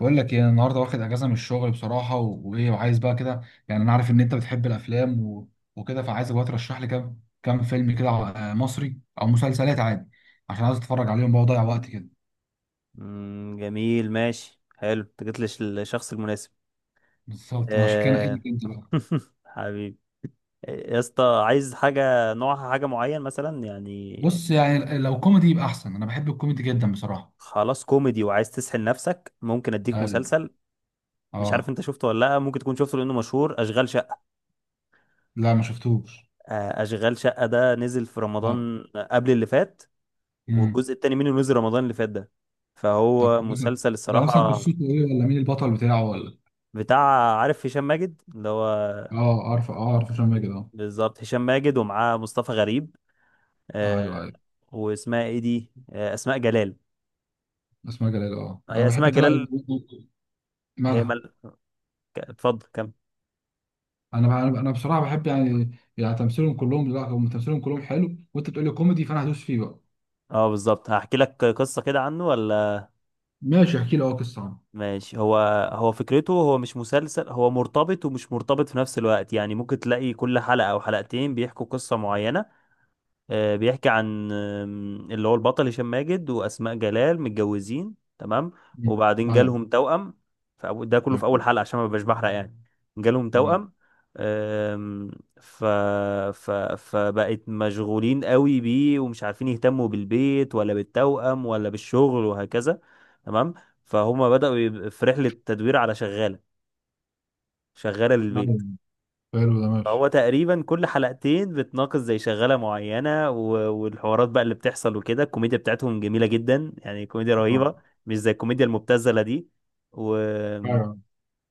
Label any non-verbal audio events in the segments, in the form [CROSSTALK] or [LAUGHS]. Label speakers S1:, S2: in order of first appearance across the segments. S1: بقول لك ايه، انا النهارده واخد اجازه من الشغل بصراحه و- وايه وعايز بقى كده. يعني انا عارف ان انت بتحب الافلام و... وكده، فعايزك بقى ترشح لي كام فيلم كده، مصري او مسلسلات عادي. عشان عايز اتفرج عليهم بقى وأضيع وقت كده.
S2: جميل، ماشي، حلو، انت جيت للشخص المناسب.
S1: بالظبط، ما عشان كده
S2: آه...
S1: نقلت انت بقى.
S2: [LAUGHS] حبيبي، يا اسطى عايز حاجة، نوعها حاجة معين مثلا يعني.
S1: بص، يعني لو كوميدي يبقى احسن، انا بحب الكوميدي جدا بصراحه.
S2: خلاص، كوميدي وعايز تسحل نفسك، ممكن اديك
S1: ايوه.
S2: مسلسل. مش عارف
S1: اه.
S2: انت شفته ولا لا، ممكن تكون شفته لانه مشهور، اشغال شقة.
S1: لا، ما شفتوش.
S2: اشغال شقة ده نزل في
S1: اه.
S2: رمضان قبل اللي فات،
S1: امم.
S2: والجزء التاني منه نزل رمضان اللي فات ده.
S1: طب
S2: فهو
S1: كوميدي،
S2: مسلسل
S1: ده اصلا
S2: الصراحة
S1: قصته ايه، ولا مين البطل بتاعه، ولا؟
S2: بتاع عارف هشام ماجد اللي هو،
S1: اه، عارفه هشام ماجد، اه.
S2: بالظبط، هشام ماجد ومعاه مصطفى غريب. آه،
S1: ايوه، ايوه.
S2: واسمها ايه دي، اسماء جلال.
S1: اسماء جلال، اه، انا
S2: هي اسماء
S1: بحب تلعب.
S2: جلال. هي
S1: مالها.
S2: مل... اتفضل كم.
S1: انا انا أنا بصراحه بحب، يعني تمثيلهم كلهم، لا، هم تمثيلهم كلهم حلو، وانت بتقول لي كوميدي، فانا هدوس فيه بقى.
S2: اه بالظبط، هحكي لك قصة كده عنه ولا.
S1: ماشي، احكي لي، اه، قصه عنه.
S2: ماشي. هو فكرته، هو مش مسلسل، هو مرتبط ومش مرتبط في نفس الوقت، يعني ممكن تلاقي كل حلقة او حلقتين بيحكوا قصة معينة. بيحكي عن اللي هو البطل هشام ماجد وأسماء جلال متجوزين، تمام.
S1: مم.
S2: وبعدين
S1: ايوه.
S2: جالهم توأم. ده كله
S1: تمام.
S2: في أول حلقة عشان ما ببقاش بحرق يعني. جالهم
S1: تمام.
S2: توأم. آم، ف... ف... فبقت مشغولين قوي بيه، ومش عارفين يهتموا بالبيت ولا بالتوأم ولا بالشغل وهكذا. تمام. فهما بدأوا في رحلة تدوير على شغالة، شغالة
S1: نعم.
S2: للبيت.
S1: حلو ده، ماشي.
S2: هو تقريبا كل حلقتين بتناقش زي شغالة معينة، والحوارات بقى اللي بتحصل وكده، الكوميديا بتاعتهم جميلة جدا، يعني كوميديا
S1: اه.
S2: رهيبة، مش زي الكوميديا المبتذلة دي. و...
S1: ايوه،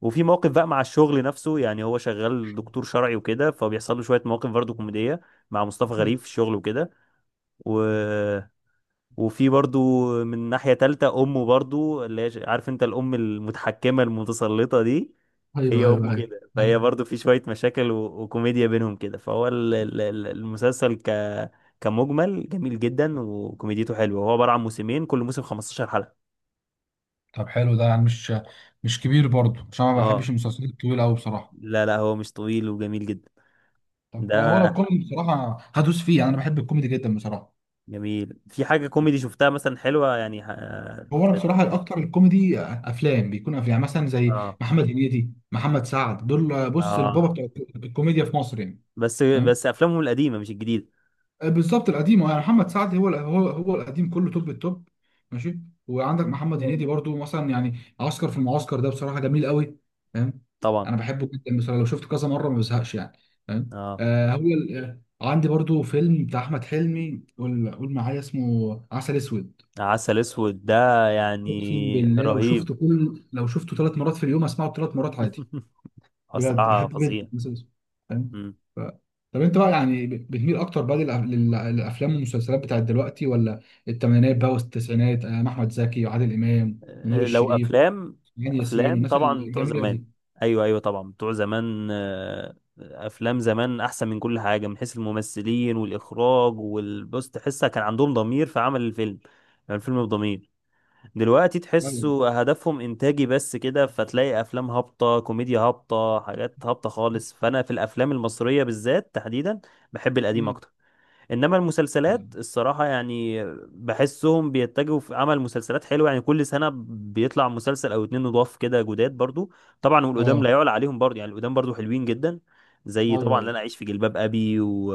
S2: وفي مواقف بقى مع الشغل نفسه، يعني هو شغال دكتور شرعي وكده، فبيحصل له شوية مواقف برضه كوميدية مع مصطفى غريب في الشغل وكده. و... وفي برضه، من ناحية تالتة، أمه برضه اللي هي عارف أنت الأم المتحكمة المتسلطة دي،
S1: ايوه،
S2: هي
S1: ايوه،
S2: امه
S1: ايوه.
S2: كده. فهي
S1: أيوة.
S2: برضو في شويه مشاكل وكوميديا بينهم كده. فهو المسلسل كمجمل جميل جدا، وكوميديته حلوه. هو عباره عن موسمين، كل موسم 15 حلقه.
S1: طب حلو، ده يعني مش كبير برضه، عشان أنا ما
S2: اه
S1: بحبش المسلسلات الطويله قوي بصراحه.
S2: لا لا، هو مش طويل وجميل جدا. ده
S1: طب هو لو كوميدي، بصراحه هدوس فيه، يعني انا بحب الكوميدي جدا بصراحه.
S2: جميل. في حاجه كوميدي شفتها مثلا حلوه يعني
S1: هو انا بصراحه، الاكتر الكوميدي افلام بيكون افلام، يعني مثلا زي
S2: اه
S1: محمد هنيدي، محمد سعد، دول بص
S2: اه.
S1: البابا بتاع الكوميديا في مصر يعني.
S2: بس
S1: فاهم؟
S2: بس افلامهم القديمه مش الجديده.
S1: بالظبط القديم، يعني محمد سعد، هو القديم كله، توب التوب. ماشي. وعندك محمد هنيدي برضو، مثلا يعني عسكر في المعسكر، ده بصراحه جميل قوي. فاهم؟
S2: طبعا.
S1: انا بحبه جدا بصراحه، لو شفته كذا مره ما بزهقش يعني. فاهم؟
S2: اه
S1: آه هو ال- آه، عندي برضو فيلم بتاع احمد حلمي، قول قول معايا، اسمه عسل اسود.
S2: عسل اسود ده يعني
S1: اقسم بالله،
S2: رهيب.
S1: لو شفته 3 مرات في اليوم اسمعه 3 مرات عادي.
S2: [LAUGHS]
S1: بجد
S2: بصراحه
S1: بحب جدا
S2: فظيع.
S1: المسلسل ده. فاهم؟ ف... طب انت بقى، يعني بتميل اكتر بقى للافلام والمسلسلات بتاعت دلوقتي، ولا الثمانينات بقى والتسعينات؟ احمد زكي وعادل امام ونور
S2: لو
S1: الشريف
S2: افلام
S1: وهاني ياسين
S2: افلام
S1: والناس
S2: طبعا بتوع
S1: الجميله
S2: زمان.
S1: دي.
S2: ايوه ايوه طبعا بتوع زمان. افلام زمان احسن من كل حاجه، من حيث الممثلين والاخراج، والبص تحسها كان عندهم ضمير في عمل الفيلم، يعني الفيلم بضمير. دلوقتي
S1: ايوه.
S2: تحسوا هدفهم انتاجي بس كده، فتلاقي افلام هابطه، كوميديا هابطه، حاجات هابطه خالص. فانا في الافلام المصريه بالذات تحديدا بحب القديم
S1: أمم.
S2: اكتر. انما المسلسلات الصراحه، يعني بحسهم بيتجهوا في عمل مسلسلات حلوه، يعني كل سنه بيطلع مسلسل او اتنين نضاف كده جداد برضو. طبعا، والقدام
S1: اه،
S2: لا يعلى عليهم برضو، يعني القدام برضو حلوين جدا. زي
S1: ايوه،
S2: طبعا اللي
S1: ايوه.
S2: انا اعيش في جلباب ابي و...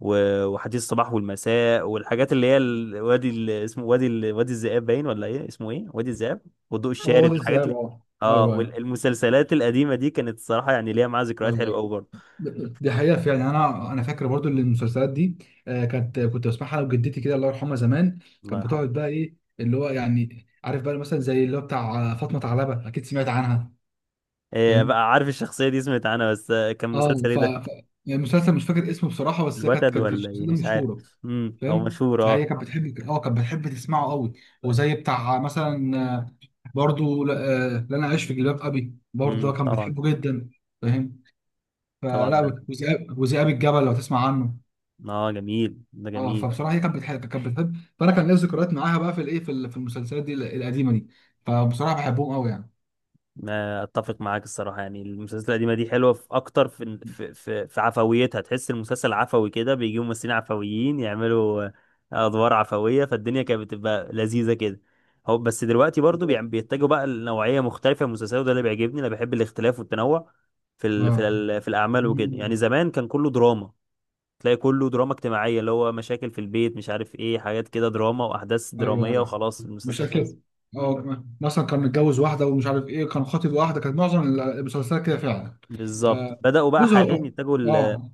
S2: و... وحديث الصباح والمساء، والحاجات اللي هي وادي اسمه وادي وادي الذئاب باين، ولا ايه اسمه، ايه، وادي الذئاب والضوء
S1: اه،
S2: الشارد،
S1: وادي
S2: الحاجات
S1: الدجال،
S2: اللي،
S1: اه.
S2: اه
S1: ايوه، ايوه،
S2: والمسلسلات القديمه دي كانت الصراحه يعني ليها معاها ذكريات حلوه قوي
S1: ايوه.
S2: برضو.
S1: دي حقيقة فعلا. أنا فاكر برضو إن المسلسلات دي آه، كانت كنت بسمعها وجدتي كده، الله يرحمها زمان.
S2: الله
S1: كانت
S2: يرحمه.
S1: بتقعد بقى، إيه اللي هو، يعني عارف بقى، مثلا زي اللي هو بتاع فاطمة علبة، أكيد سمعت عنها.
S2: إيه
S1: فاهم؟
S2: بقى، عارف الشخصية دي، سمعت عنها بس، كان
S1: أه.
S2: مسلسل ايه ده.
S1: يعني المسلسل مش فاكر اسمه بصراحة، بس هي كانت
S2: الوتد
S1: كانت كانت
S2: ولا
S1: الشخصية
S2: ايه
S1: دي
S2: مش عارف.
S1: مشهورة.
S2: هو
S1: فاهم؟
S2: مشهور
S1: فهي
S2: اه.
S1: كانت بتحب تسمعه قوي. وزي بتاع مثلا، برضو لا، لا، أنا عايش في جلباب أبي برضو كان
S2: طبعا.
S1: بتحبه جدا. فاهم؟
S2: طبعا
S1: فلا.
S2: ده.
S1: وذئاب الجبل لو تسمع عنه.
S2: اه جميل ده
S1: اه،
S2: جميل.
S1: فبصراحه هي كانت بتحب، فانا كان ليا ذكريات معاها بقى في الايه، في المسلسلات دي القديمه دي. فبصراحه بحبهم قوي يعني.
S2: ما اتفق معاك الصراحه، يعني المسلسلات القديمه دي حلوه في اكتر في في عفويتها، تحس المسلسل عفوي كده، بيجيبوا ممثلين عفويين يعملوا ادوار عفويه، فالدنيا كانت بتبقى لذيذه كده. هو بس دلوقتي برضو
S1: بالظبط.
S2: بيتجهوا بقى لنوعيه مختلفه من المسلسلات، وده اللي بيعجبني، انا بحب الاختلاف والتنوع في ال في
S1: اه.
S2: ال في الاعمال وكده، يعني
S1: مم.
S2: زمان كان كله دراما. تلاقي كله دراما اجتماعيه، اللي هو مشاكل في البيت، مش عارف ايه، حاجات كده دراما واحداث
S1: ايوه،
S2: دراميه،
S1: ايوه،
S2: وخلاص المسلسل خلص.
S1: مشاكل، اه كمان. مثلا كان متجوز واحده ومش عارف ايه، كان خاطب واحده، كانت معظم المسلسلات كده فعلا.
S2: بالظبط،
S1: آه
S2: بدأوا بقى
S1: بص
S2: حاليا
S1: هو.
S2: يتجهوا
S1: اه.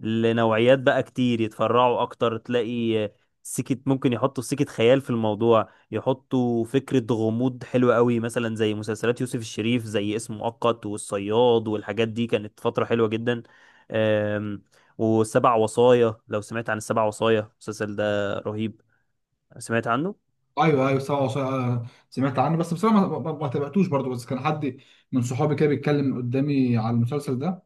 S2: لنوعيات بقى كتير، يتفرعوا اكتر، تلاقي سكة، ممكن يحطوا سكة خيال في الموضوع، يحطوا فكرة غموض حلوة قوي، مثلا زي مسلسلات يوسف الشريف، زي اسم مؤقت والصياد، والحاجات دي كانت فترة حلوة جدا. أم، والسبع وصايا، لو سمعت عن السبع وصايا، المسلسل ده رهيب. سمعت عنه.
S1: ايوه، ايوه، سوا سوا. سمعت عنه، بس بصراحه ما تابعتوش برضه، بس كان حد من صحابي كده بيتكلم قدامي على المسلسل ده،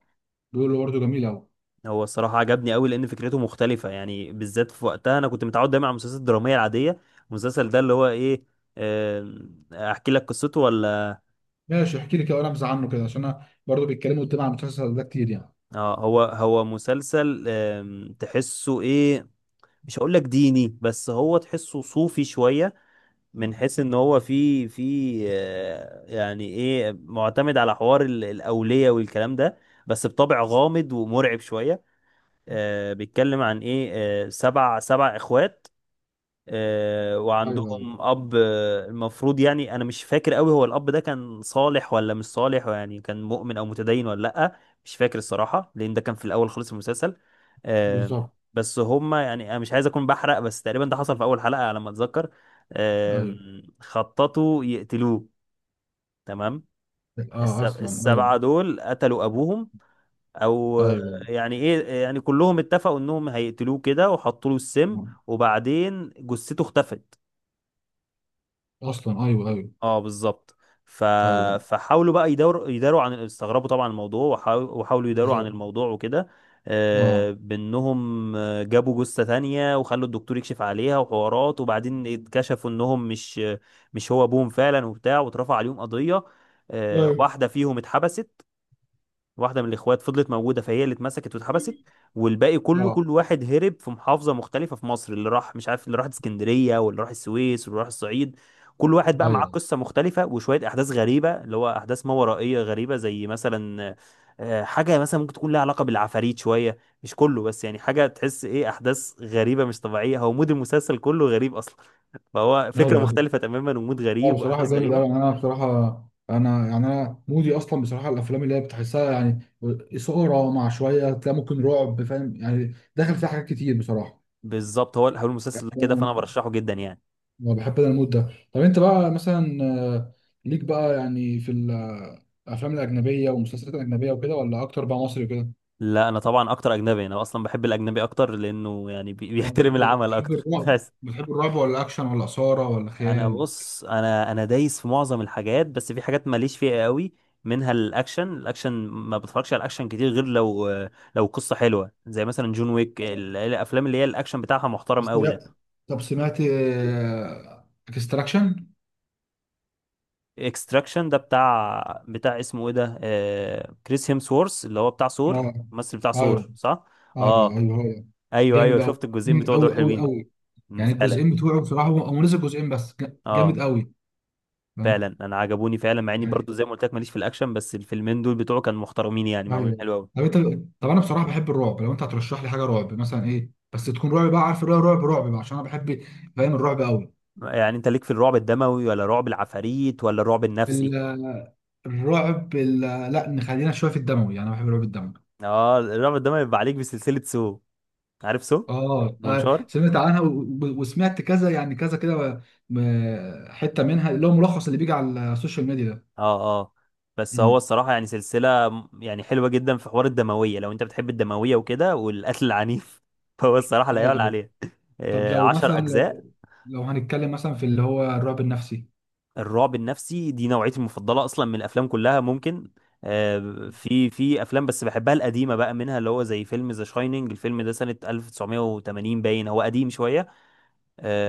S1: بيقول له برضه جميل قوي.
S2: هو الصراحة عجبني قوي، لأن فكرته مختلفة، يعني بالذات في وقتها أنا كنت متعود دايما على المسلسلات الدرامية العادية. المسلسل ده اللي هو إيه، أحكي لك قصته ولا.
S1: ماشي، احكي لي كده وانا نبذه عنه كده، عشان انا برضه بيتكلموا قدامي عن المسلسل ده كتير يعني.
S2: اه. هو مسلسل، تحسه ايه، مش هقول لك ديني بس هو تحسه صوفي شوية، من حيث ان هو في يعني ايه، معتمد على حوار الأولية والكلام ده، بس بطبع غامض ومرعب شوية. بيتكلم عن ايه، سبع اخوات،
S1: ايوه، ايوه،
S2: وعندهم اب، المفروض، يعني انا مش فاكر قوي هو الاب ده كان صالح ولا مش صالح، يعني كان مؤمن او متدين ولا لا، مش فاكر الصراحه، لان ده كان في الاول خالص في المسلسل. آه،
S1: بالظبط.
S2: بس هما، يعني انا مش عايز اكون بحرق، بس تقريبا ده حصل في اول حلقه على ما اتذكر. آه،
S1: ايوه.
S2: خططوا يقتلوه. تمام.
S1: اه اصلا، ايوه،
S2: السبعه دول قتلوا ابوهم، او،
S1: ايوه.
S2: يعني ايه يعني، كلهم اتفقوا انهم هيقتلوه كده وحطوا له السم،
S1: آه.
S2: وبعدين جثته اختفت.
S1: اصلا، ايوه، ايوه،
S2: اه بالظبط. ف...
S1: ايوه،
S2: فحاولوا بقى يداروا عن، استغربوا طبعا الموضوع، وحاولوا يداروا عن
S1: بالظبط.
S2: الموضوع وكده.
S1: اه.
S2: بانهم، جابوا جثة تانية وخلوا الدكتور يكشف عليها وحوارات، وبعدين اتكشفوا انهم مش هو ابوهم فعلا وبتاع، واترفع عليهم قضية.
S1: ايوه.
S2: واحدة فيهم اتحبست، واحده من الاخوات فضلت موجوده فهي اللي اتمسكت واتحبست، والباقي كله
S1: اه،
S2: كل واحد هرب في محافظه مختلفه في مصر، اللي راح مش عارف، اللي راح اسكندريه، واللي راح السويس، واللي راح الصعيد. كل واحد بقى معاه
S1: ايوه،
S2: قصه مختلفه، وشويه احداث غريبه اللي هو احداث ما ورائيه غريبه، زي مثلا، حاجه مثلا ممكن تكون لها علاقه بالعفاريت شويه، مش كله، بس يعني حاجه تحس ايه، احداث غريبه مش طبيعيه، هو مود المسلسل كله غريب اصلا. فهو فكره
S1: ايوه.
S2: مختلفه تماما، ومود
S1: اه،
S2: غريب،
S1: بصراحه
S2: واحداث
S1: جامد
S2: غريبه.
S1: قوي، انا بصراحه انا مودي اصلا بصراحه، الافلام اللي هي بتحسها يعني اثاره، مع شويه تلاقي ممكن رعب، فاهم يعني، داخل فيها حاجات كتير بصراحه.
S2: بالظبط. هو المسلسل كده، فانا برشحه جدا يعني.
S1: أنا بحب انا المود ده. طب انت بقى مثلا، آه، ليك بقى يعني في ال- آه، الافلام الاجنبيه والمسلسلات الاجنبيه وكده، ولا اكتر بقى مصري وكده؟
S2: لا انا طبعا اكتر اجنبي، انا اصلا بحب الاجنبي اكتر لانه يعني
S1: طب
S2: بيحترم العمل
S1: بتحب
S2: اكتر. [LAUGHS]
S1: الرعب،
S2: بس
S1: بتحب الرعب، ولا اكشن، ولا اثاره، ولا
S2: انا
S1: خيال؟
S2: بص، انا دايس في معظم الحاجات، بس في حاجات ماليش فيها قوي، منها الاكشن. الاكشن ما بتفرجش على الاكشن كتير، غير لو قصة حلوة زي مثلا جون ويك، الافلام اللي هي الاكشن بتاعها محترم
S1: بس
S2: قوي ده.
S1: لا. طب سمعت اكستراكشن؟
S2: اكستراكشن ده بتاع اسمه ايه ده، كريس هيمسورث، اللي هو بتاع ثور،
S1: اه،
S2: الممثل بتاع ثور
S1: ايوه،
S2: صح.
S1: ايوه،
S2: اه
S1: ايوه، هو ده.
S2: ايوه
S1: جامد
S2: ايوه
S1: قوي،
S2: شفت الجزئين
S1: جامد
S2: بتوع
S1: قوي
S2: دول
S1: قوي
S2: حلوين.
S1: قوي.
S2: مم،
S1: يعني
S2: فعلا.
S1: الجزئين بتوعه بصراحه، هو نزل جزئين بس،
S2: اه
S1: جامد قوي.
S2: فعلا انا عجبوني فعلا، مع اني برضو
S1: فاهم؟
S2: زي ما قلت لك ماليش في الاكشن، بس الفيلمين دول بتوعه كانوا محترمين، يعني معمولين
S1: ايوه.
S2: حلو قوي.
S1: طب انت طب انا بصراحه بحب الرعب، لو انت هترشح لي حاجه رعب مثلا ايه، بس تكون رعب بقى، عارف الرعب، رعب رعب بقى، عشان انا بحب. فاهم؟ الرعب قوي.
S2: يعني انت ليك في الرعب الدموي، ولا رعب العفاريت، ولا الرعب النفسي.
S1: ال- الرعب ال- لا، نخلينا شويه في الدموي، يعني انا بحب الرعب الدموي.
S2: اه، الرعب الدموي بيبقى عليك بسلسلة سو، عارف سو،
S1: اه.
S2: منشار.
S1: سمعت عنها و- و- وسمعت كذا يعني كذا كده، حته منها اللي هو ملخص اللي بيجي على السوشيال ميديا ده.
S2: اه اه. بس هو
S1: امم.
S2: الصراحة يعني سلسلة يعني حلوة جدا، في حوار الدموية لو انت بتحب الدموية وكده والقتل العنيف، [LAUGHS] فهو الصراحة لا
S1: ايوه،
S2: يعلى
S1: ايوه.
S2: عليه.
S1: طب لو مثلا،
S2: عشر أجزاء.
S1: لو لو هنتكلم مثلا في اللي هو الرعب النفسي.
S2: الرعب النفسي دي نوعيتي المفضله اصلا، من الافلام كلها ممكن. آه، في افلام بس بحبها القديمه بقى، منها اللي هو زي فيلم ذا شايننج، الفيلم ده سنه 1980 باين، هو قديم شويه.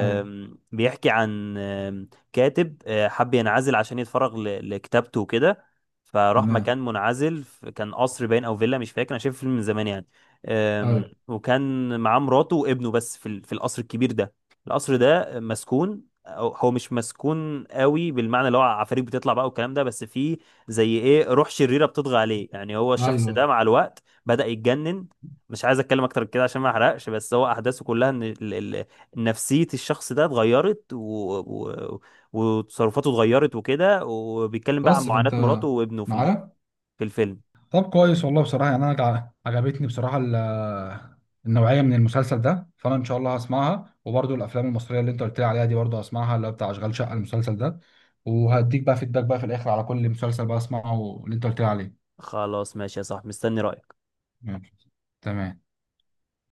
S1: ايوه.
S2: بيحكي عن كاتب حب ينعزل عشان يتفرغ لكتابته وكده. فراح
S1: تمام.
S2: مكان منعزل، كان قصر باين او فيلا، مش فاكر، انا شايف الفيلم من زمان يعني.
S1: ايوه،
S2: وكان معاه مراته وابنه بس في في القصر الكبير ده. القصر ده مسكون. هو مش مسكون قوي بالمعنى اللي هو عفاريت بتطلع بقى والكلام ده، بس فيه زي ايه، روح شريرة بتطغى عليه، يعني هو الشخص
S1: ايوه،
S2: ده مع الوقت بدأ يتجنن. مش عايز اتكلم اكتر من كده عشان ما احرقش، بس هو احداثه كلها ان نفسية الشخص ده اتغيرت و... وتصرفاته اتغيرت وكده، وبيتكلم بقى عن
S1: بس فانت
S2: معاناة مراته وابنه في
S1: معايا.
S2: في الفيلم.
S1: طب كويس والله، بصراحة يعني أنا عجبتني بصراحة النوعية من المسلسل ده، فأنا إن شاء الله هسمعها، وبرضو الأفلام المصرية اللي أنت قلت لي عليها دي برضو هسمعها، اللي هو بتاع أشغال شقة المسلسل ده. وهديك بقى فيدباك بقى في الآخر على كل مسلسل بقى أسمعه اللي أنت قلت لي عليه.
S2: خلاص ماشي يا صاحبي، مستني رأيك.
S1: ماشي. تمام